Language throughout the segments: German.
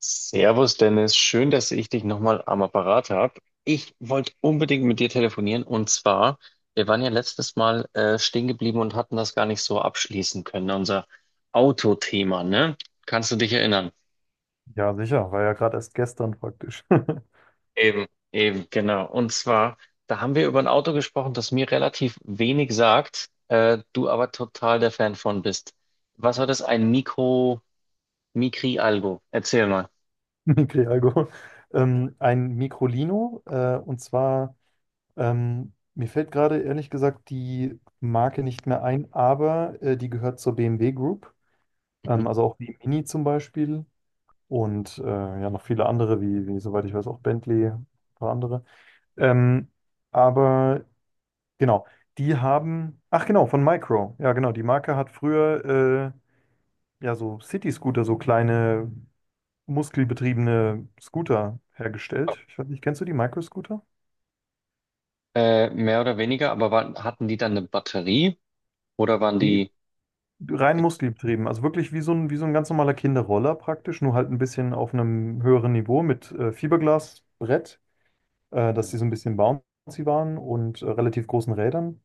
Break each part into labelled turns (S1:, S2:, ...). S1: Servus Dennis, schön, dass ich dich nochmal am Apparat habe. Ich wollte unbedingt mit dir telefonieren und zwar, wir waren ja letztes Mal stehen geblieben und hatten das gar nicht so abschließen können, unser Autothema, ne? Kannst du dich erinnern?
S2: Ja, sicher, war ja gerade erst gestern praktisch.
S1: Eben, eben, genau. Und zwar, da haben wir über ein Auto gesprochen, das mir relativ wenig sagt, du aber total der Fan von bist. Was war das? Ein Mikro, Mikri Algo? Erzähl mal.
S2: Mikri-Alkohol. Ein Microlino, mir fällt gerade ehrlich gesagt die Marke nicht mehr ein, aber die gehört zur BMW Group,
S1: Mhm.
S2: also auch wie Mini zum Beispiel und ja, noch viele andere, wie soweit ich weiß, auch Bentley, ein paar andere. Ähm, aber genau, die haben, ach genau, von Micro, ja genau, die Marke hat früher ja so City-Scooter, so kleine muskelbetriebene Scooter hergestellt. Ich weiß nicht, kennst du die Microscooter?
S1: Mehr oder weniger, hatten die dann eine Batterie? Oder waren
S2: Nee.
S1: die?
S2: Rein muskelbetrieben, also wirklich wie so ein ganz normaler Kinderroller praktisch, nur halt ein bisschen auf einem höheren Niveau mit Fiberglasbrett, dass die so ein bisschen bouncy waren und relativ großen Rädern.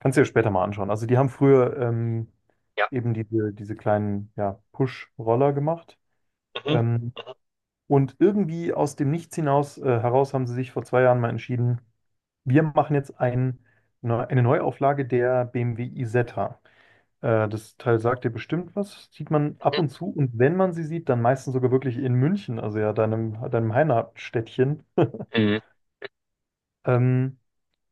S2: Kannst du dir später mal anschauen. Also die haben früher
S1: Ja.
S2: eben diese kleinen ja, Push-Roller gemacht.
S1: Mhm. Mhm.
S2: Ähm, und irgendwie aus dem Nichts hinaus, heraus haben sie sich vor 2 Jahren mal entschieden, Wir machen jetzt ein, ne, eine Neuauflage der BMW Isetta. Das Teil sagt dir bestimmt was, sieht man ab
S1: Mhm.
S2: und zu und wenn man sie sieht, dann meistens sogar wirklich in München, also ja deinem Heimatstädtchen.
S1: Mhm.
S2: Ähm,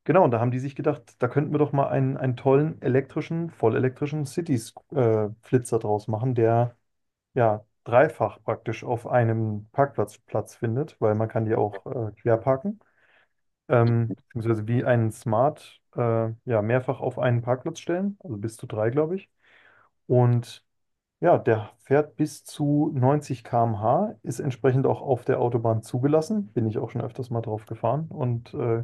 S2: genau, und da haben die sich gedacht, da könnten wir doch mal einen tollen elektrischen, vollelektrischen Cities-Flitzer draus machen, der ja dreifach praktisch auf einem Parkplatz Platz findet, weil man kann die auch quer parken. Beziehungsweise wie einen Smart ja, mehrfach auf einen Parkplatz stellen, also bis zu drei, glaube ich. Und ja, der fährt bis zu 90 km/h, ist entsprechend auch auf der Autobahn zugelassen. Bin ich auch schon öfters mal drauf gefahren und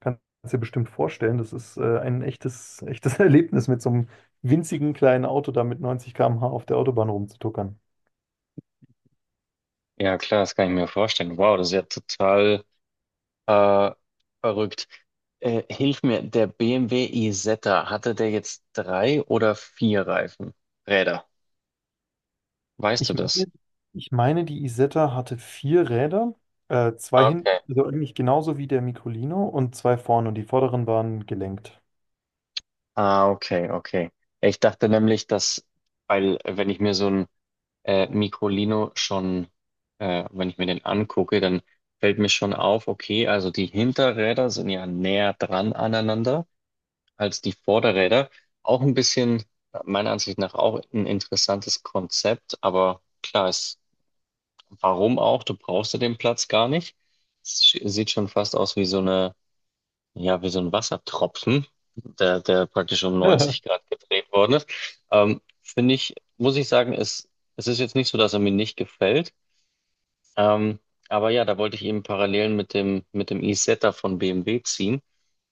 S2: kannst dir bestimmt vorstellen, das ist ein echtes Erlebnis, mit so einem winzigen kleinen Auto da mit 90 km/h auf der Autobahn rumzutuckern.
S1: Ja, klar, das kann ich mir vorstellen. Wow, das ist ja total äh, verrückt. Hilf mir, der BMW iZeta, hatte der jetzt drei oder vier Reifen? Räder. Weißt
S2: Ich
S1: du das?
S2: meine, ich meine, die Isetta hatte 4 Räder, zwei hinten,
S1: Okay.
S2: also eigentlich genauso wie der Microlino und zwei vorne und die vorderen waren gelenkt.
S1: Ah, okay, okay. Ich dachte nämlich, dass, weil wenn ich mir so ein Microlino schon, wenn ich mir den angucke, dann fällt mir schon auf, okay, also die Hinterräder sind ja näher dran aneinander als die Vorderräder. Auch ein bisschen, meiner Ansicht nach, auch ein interessantes Konzept, aber klar ist, warum auch? Du brauchst ja den Platz gar nicht. Es sieht schon fast aus wie so eine, ja, wie so ein Wassertropfen, der praktisch um 90 Grad gedreht worden ist. Finde ich, muss ich sagen, es ist jetzt nicht so, dass er mir nicht gefällt. Ähm, aber ja, da wollte ich eben Parallelen mit dem e-Zeta von BMW ziehen.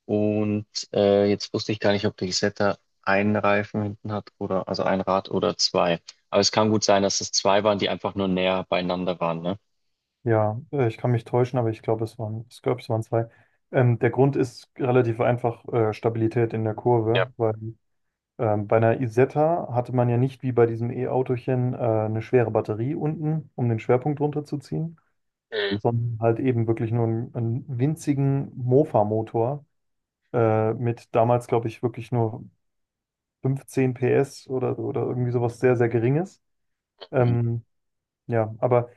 S1: Und jetzt wusste ich gar nicht, ob der Isetta einen Reifen hinten hat oder also ein Rad oder zwei. Aber es kann gut sein, dass es zwei waren, die einfach nur näher beieinander waren, ne?
S2: Ja, ich kann mich täuschen, aber ich glaube, es waren zwei. Der Grund ist relativ einfach, Stabilität in der
S1: Ja.
S2: Kurve, weil bei einer Isetta hatte man ja nicht wie bei diesem E-Autochen eine schwere Batterie unten, um den Schwerpunkt runterzuziehen,
S1: Mhm.
S2: sondern halt eben wirklich nur einen winzigen Mofa-Motor mit damals, glaube ich, wirklich nur 15 PS oder irgendwie sowas sehr, sehr Geringes.
S1: Mhm.
S2: Ähm, ja, aber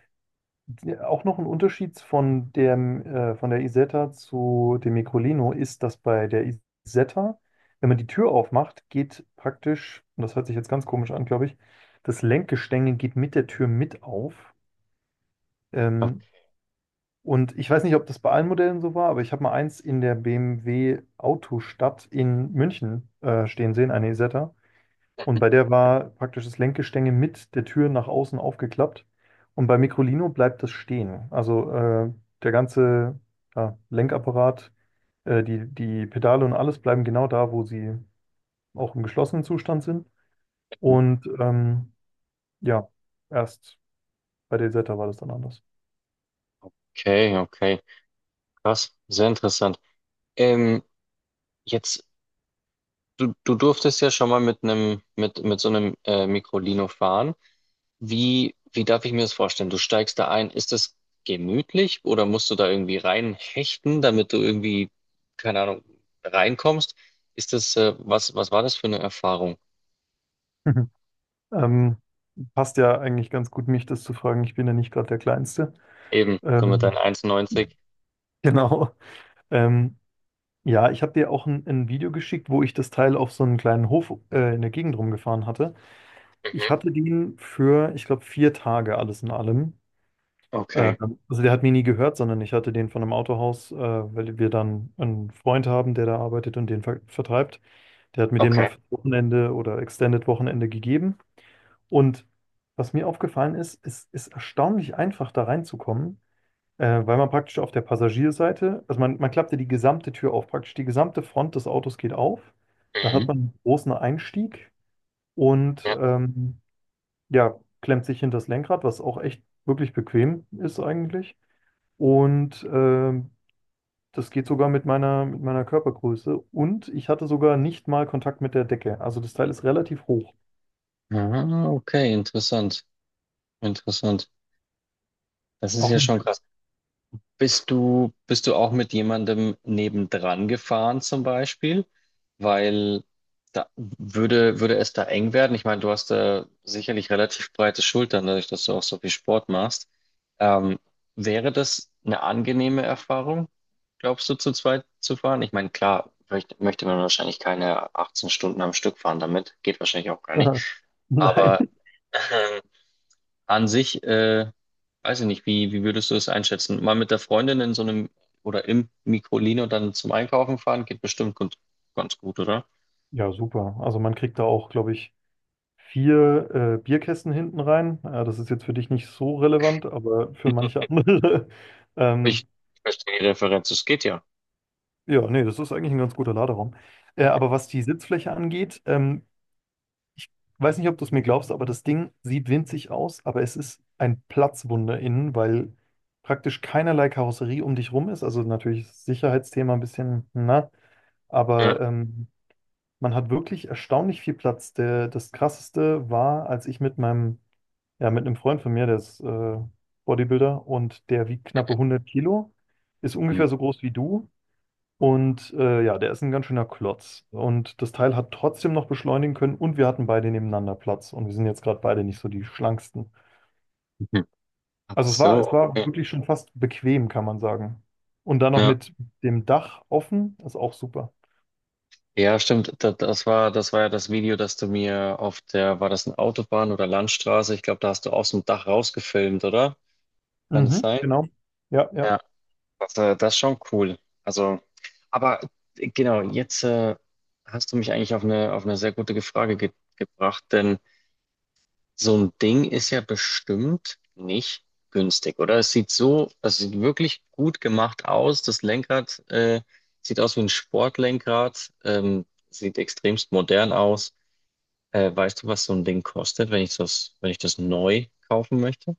S2: auch noch ein Unterschied von von der Isetta zu dem Microlino ist, dass bei der Isetta, wenn man die Tür aufmacht, geht praktisch, und das hört sich jetzt ganz komisch an, glaube ich, das Lenkgestänge geht mit der Tür mit auf. Ähm, und ich weiß nicht, ob das bei allen Modellen so war, aber ich habe mal eins in der BMW Autostadt in München stehen sehen, eine Isetta. Und bei der war praktisch das Lenkgestänge mit der Tür nach außen aufgeklappt. Und bei Microlino bleibt das stehen. Also der ganze ja, Lenkapparat, die Pedale und alles bleiben genau da, wo sie auch im geschlossenen Zustand sind. Und ähm, ja, erst bei der Isetta war das dann anders.
S1: Okay, okay. Krass, sehr interessant. Ähm, Jetzt, du durftest ja schon mal mit so einem Microlino fahren. Wie darf ich mir das vorstellen? Du steigst da ein, ist das gemütlich oder musst du da irgendwie reinhechten, damit du irgendwie, keine Ahnung, reinkommst? Ist das, was, was war das für eine Erfahrung?
S2: Ähm, passt ja eigentlich ganz gut, mich das zu fragen. Ich bin ja nicht gerade der Kleinste.
S1: Eben, du mit deinen
S2: Ähm,
S1: 1,90.
S2: genau. Ähm, Ja, ich habe dir auch ein Video geschickt, wo ich das Teil auf so einen kleinen Hof in der Gegend rumgefahren hatte. Ich
S1: Mhm.
S2: hatte den für, ich glaube, 4 Tage alles in allem. Äh,
S1: Okay,
S2: also der hat mir nie gehört, sondern ich hatte den von einem Autohaus, weil wir dann einen Freund haben, der da arbeitet und den vertreibt. Der hat mir den mal
S1: okay.
S2: für Wochenende oder Extended Wochenende gegeben. Und was mir aufgefallen ist, es ist erstaunlich einfach da reinzukommen. Weil man praktisch auf der Passagierseite, also man klappte die gesamte Tür auf, praktisch die gesamte Front des Autos geht auf. Da hat
S1: Mhm.
S2: man einen großen Einstieg und
S1: Ja.
S2: ja, klemmt sich hinter das Lenkrad, was auch echt wirklich bequem ist eigentlich. Und ähm, Das geht sogar mit meiner Körpergröße. Und ich hatte sogar nicht mal Kontakt mit der Decke. Also das Teil ist relativ hoch.
S1: Ah, okay, interessant, interessant. Das ist
S2: Auch
S1: ja
S2: nicht.
S1: schon krass. Bist du auch mit jemandem nebendran gefahren zum Beispiel? Weil da würde es da eng werden. Ich meine, du hast da sicherlich relativ breite Schultern, dadurch, dass du auch so viel Sport machst. Ähm, Wäre das eine angenehme Erfahrung, glaubst du, zu zweit zu fahren? Ich meine, klar, möchte man wahrscheinlich keine 18 Stunden am Stück fahren damit. Geht wahrscheinlich auch gar nicht.
S2: Nein.
S1: Aber ähm, an sich, weiß ich nicht, wie würdest du es einschätzen? Mal mit der Freundin in so einem oder im Microlino dann zum Einkaufen fahren, geht bestimmt gut, ganz gut, oder?
S2: Ja, super. Also man kriegt da auch, glaube ich, vier Bierkästen hinten rein. Ja, das ist jetzt für dich nicht so relevant, aber für manche andere. Ähm,
S1: Ich verstehe die Referenz, es geht ja.
S2: ja, Nee, das ist eigentlich ein ganz guter Laderaum. Aber was die Sitzfläche angeht, ich weiß nicht, ob du es mir glaubst, aber das Ding sieht winzig aus, aber es ist ein Platzwunder innen, weil praktisch keinerlei Karosserie um dich rum ist. Also natürlich ist das Sicherheitsthema ein bisschen, na,
S1: Ja.
S2: aber man hat wirklich erstaunlich viel Platz. Das Krasseste war, als ich mit meinem ja, mit einem Freund von mir, der ist Bodybuilder und der wiegt knappe 100 Kilo, ist
S1: Mhm.
S2: ungefähr so groß wie du und ja, der ist ein ganz schöner Klotz. Und das Teil hat trotzdem noch beschleunigen können und wir hatten beide nebeneinander Platz und wir sind jetzt gerade beide nicht so die schlanksten.
S1: Ach
S2: Also es war, es
S1: so,
S2: war
S1: okay.
S2: wirklich schon fast bequem, kann man sagen. Und dann noch
S1: Ja.
S2: mit dem Dach offen, ist auch super.
S1: Ja, stimmt. Das war ja das Video, das du mir auf der, war das eine Autobahn oder Landstraße? Ich glaube, da hast du aus dem Dach rausgefilmt, oder? Kann das
S2: Mhm,
S1: sein?
S2: genau. Ja, ja.
S1: Das, das ist schon cool. Also, aber genau, jetzt hast du mich eigentlich auf eine sehr gute Frage ge gebracht, denn so ein Ding ist ja bestimmt nicht günstig, oder? Es sieht wirklich gut gemacht aus. Das Lenkrad sieht aus wie ein Sportlenkrad, sieht extremst modern aus. Weißt du, was so ein Ding kostet, wenn ich wenn ich das neu kaufen möchte?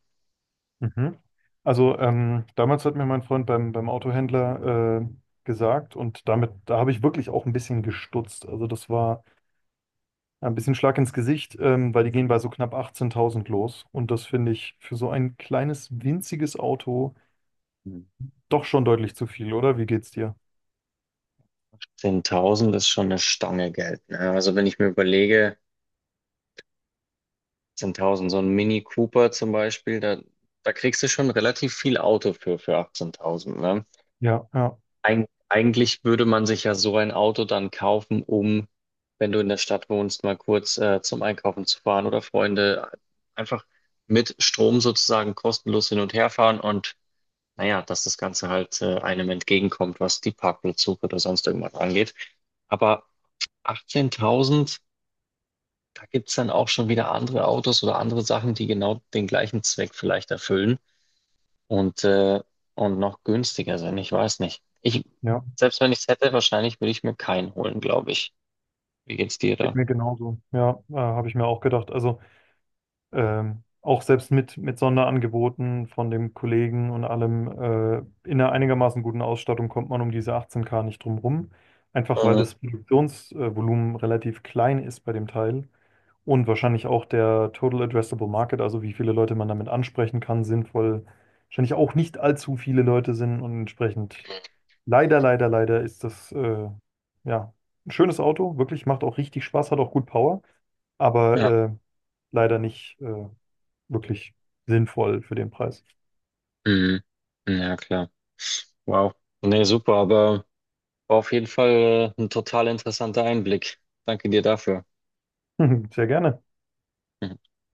S2: Mhm. Also damals hat mir mein Freund beim, beim Autohändler gesagt und damit, da habe ich wirklich auch ein bisschen gestutzt. Also das war ein bisschen Schlag ins Gesicht, weil die gehen bei so knapp 18.000 los und das finde ich für so ein kleines, winziges Auto
S1: Hm.
S2: doch schon deutlich zu viel, oder? Wie geht's dir?
S1: 10.000 ist schon eine Stange Geld. Ne? Also wenn ich mir überlege, 18.000, so ein Mini Cooper zum Beispiel, da, da kriegst du schon relativ viel Auto für 18.000, ne?
S2: Ja, ja,
S1: Eigentlich würde man sich ja so ein Auto dann kaufen, um, wenn du in der Stadt wohnst, mal kurz zum Einkaufen zu fahren oder Freunde einfach mit Strom sozusagen kostenlos hin und her fahren und naja, dass das Ganze halt einem entgegenkommt, was die Parkplatzsuche oder sonst irgendwas angeht. Aber 18.000, da gibt's dann auch schon wieder andere Autos oder andere Sachen, die genau den gleichen Zweck vielleicht erfüllen und, äh, und noch günstiger sind. Ich weiß nicht. Ich,
S2: ja,
S1: selbst wenn ich es hätte, wahrscheinlich würde ich mir keinen holen, glaube ich. Wie geht's dir
S2: geht
S1: da?
S2: mir genauso. Ja, habe ich mir auch gedacht. Also auch selbst mit Sonderangeboten von dem Kollegen und allem, in einer einigermaßen guten Ausstattung kommt man um diese 18K nicht drum rum. Einfach weil
S1: Mhm.
S2: das Produktionsvolumen relativ klein ist bei dem Teil und wahrscheinlich auch der Total Addressable Market, also wie viele Leute man damit ansprechen kann, sinnvoll, wahrscheinlich auch nicht allzu viele Leute sind und entsprechend leider ist das ja ein schönes Auto, wirklich, macht auch richtig Spaß, hat auch gut Power, aber
S1: Ja.
S2: leider nicht wirklich sinnvoll für den Preis.
S1: Mhm. Ja, klar. Wow. Nee, super, aber war auf jeden Fall ein total interessanter Einblick. Danke dir dafür.
S2: Sehr gerne.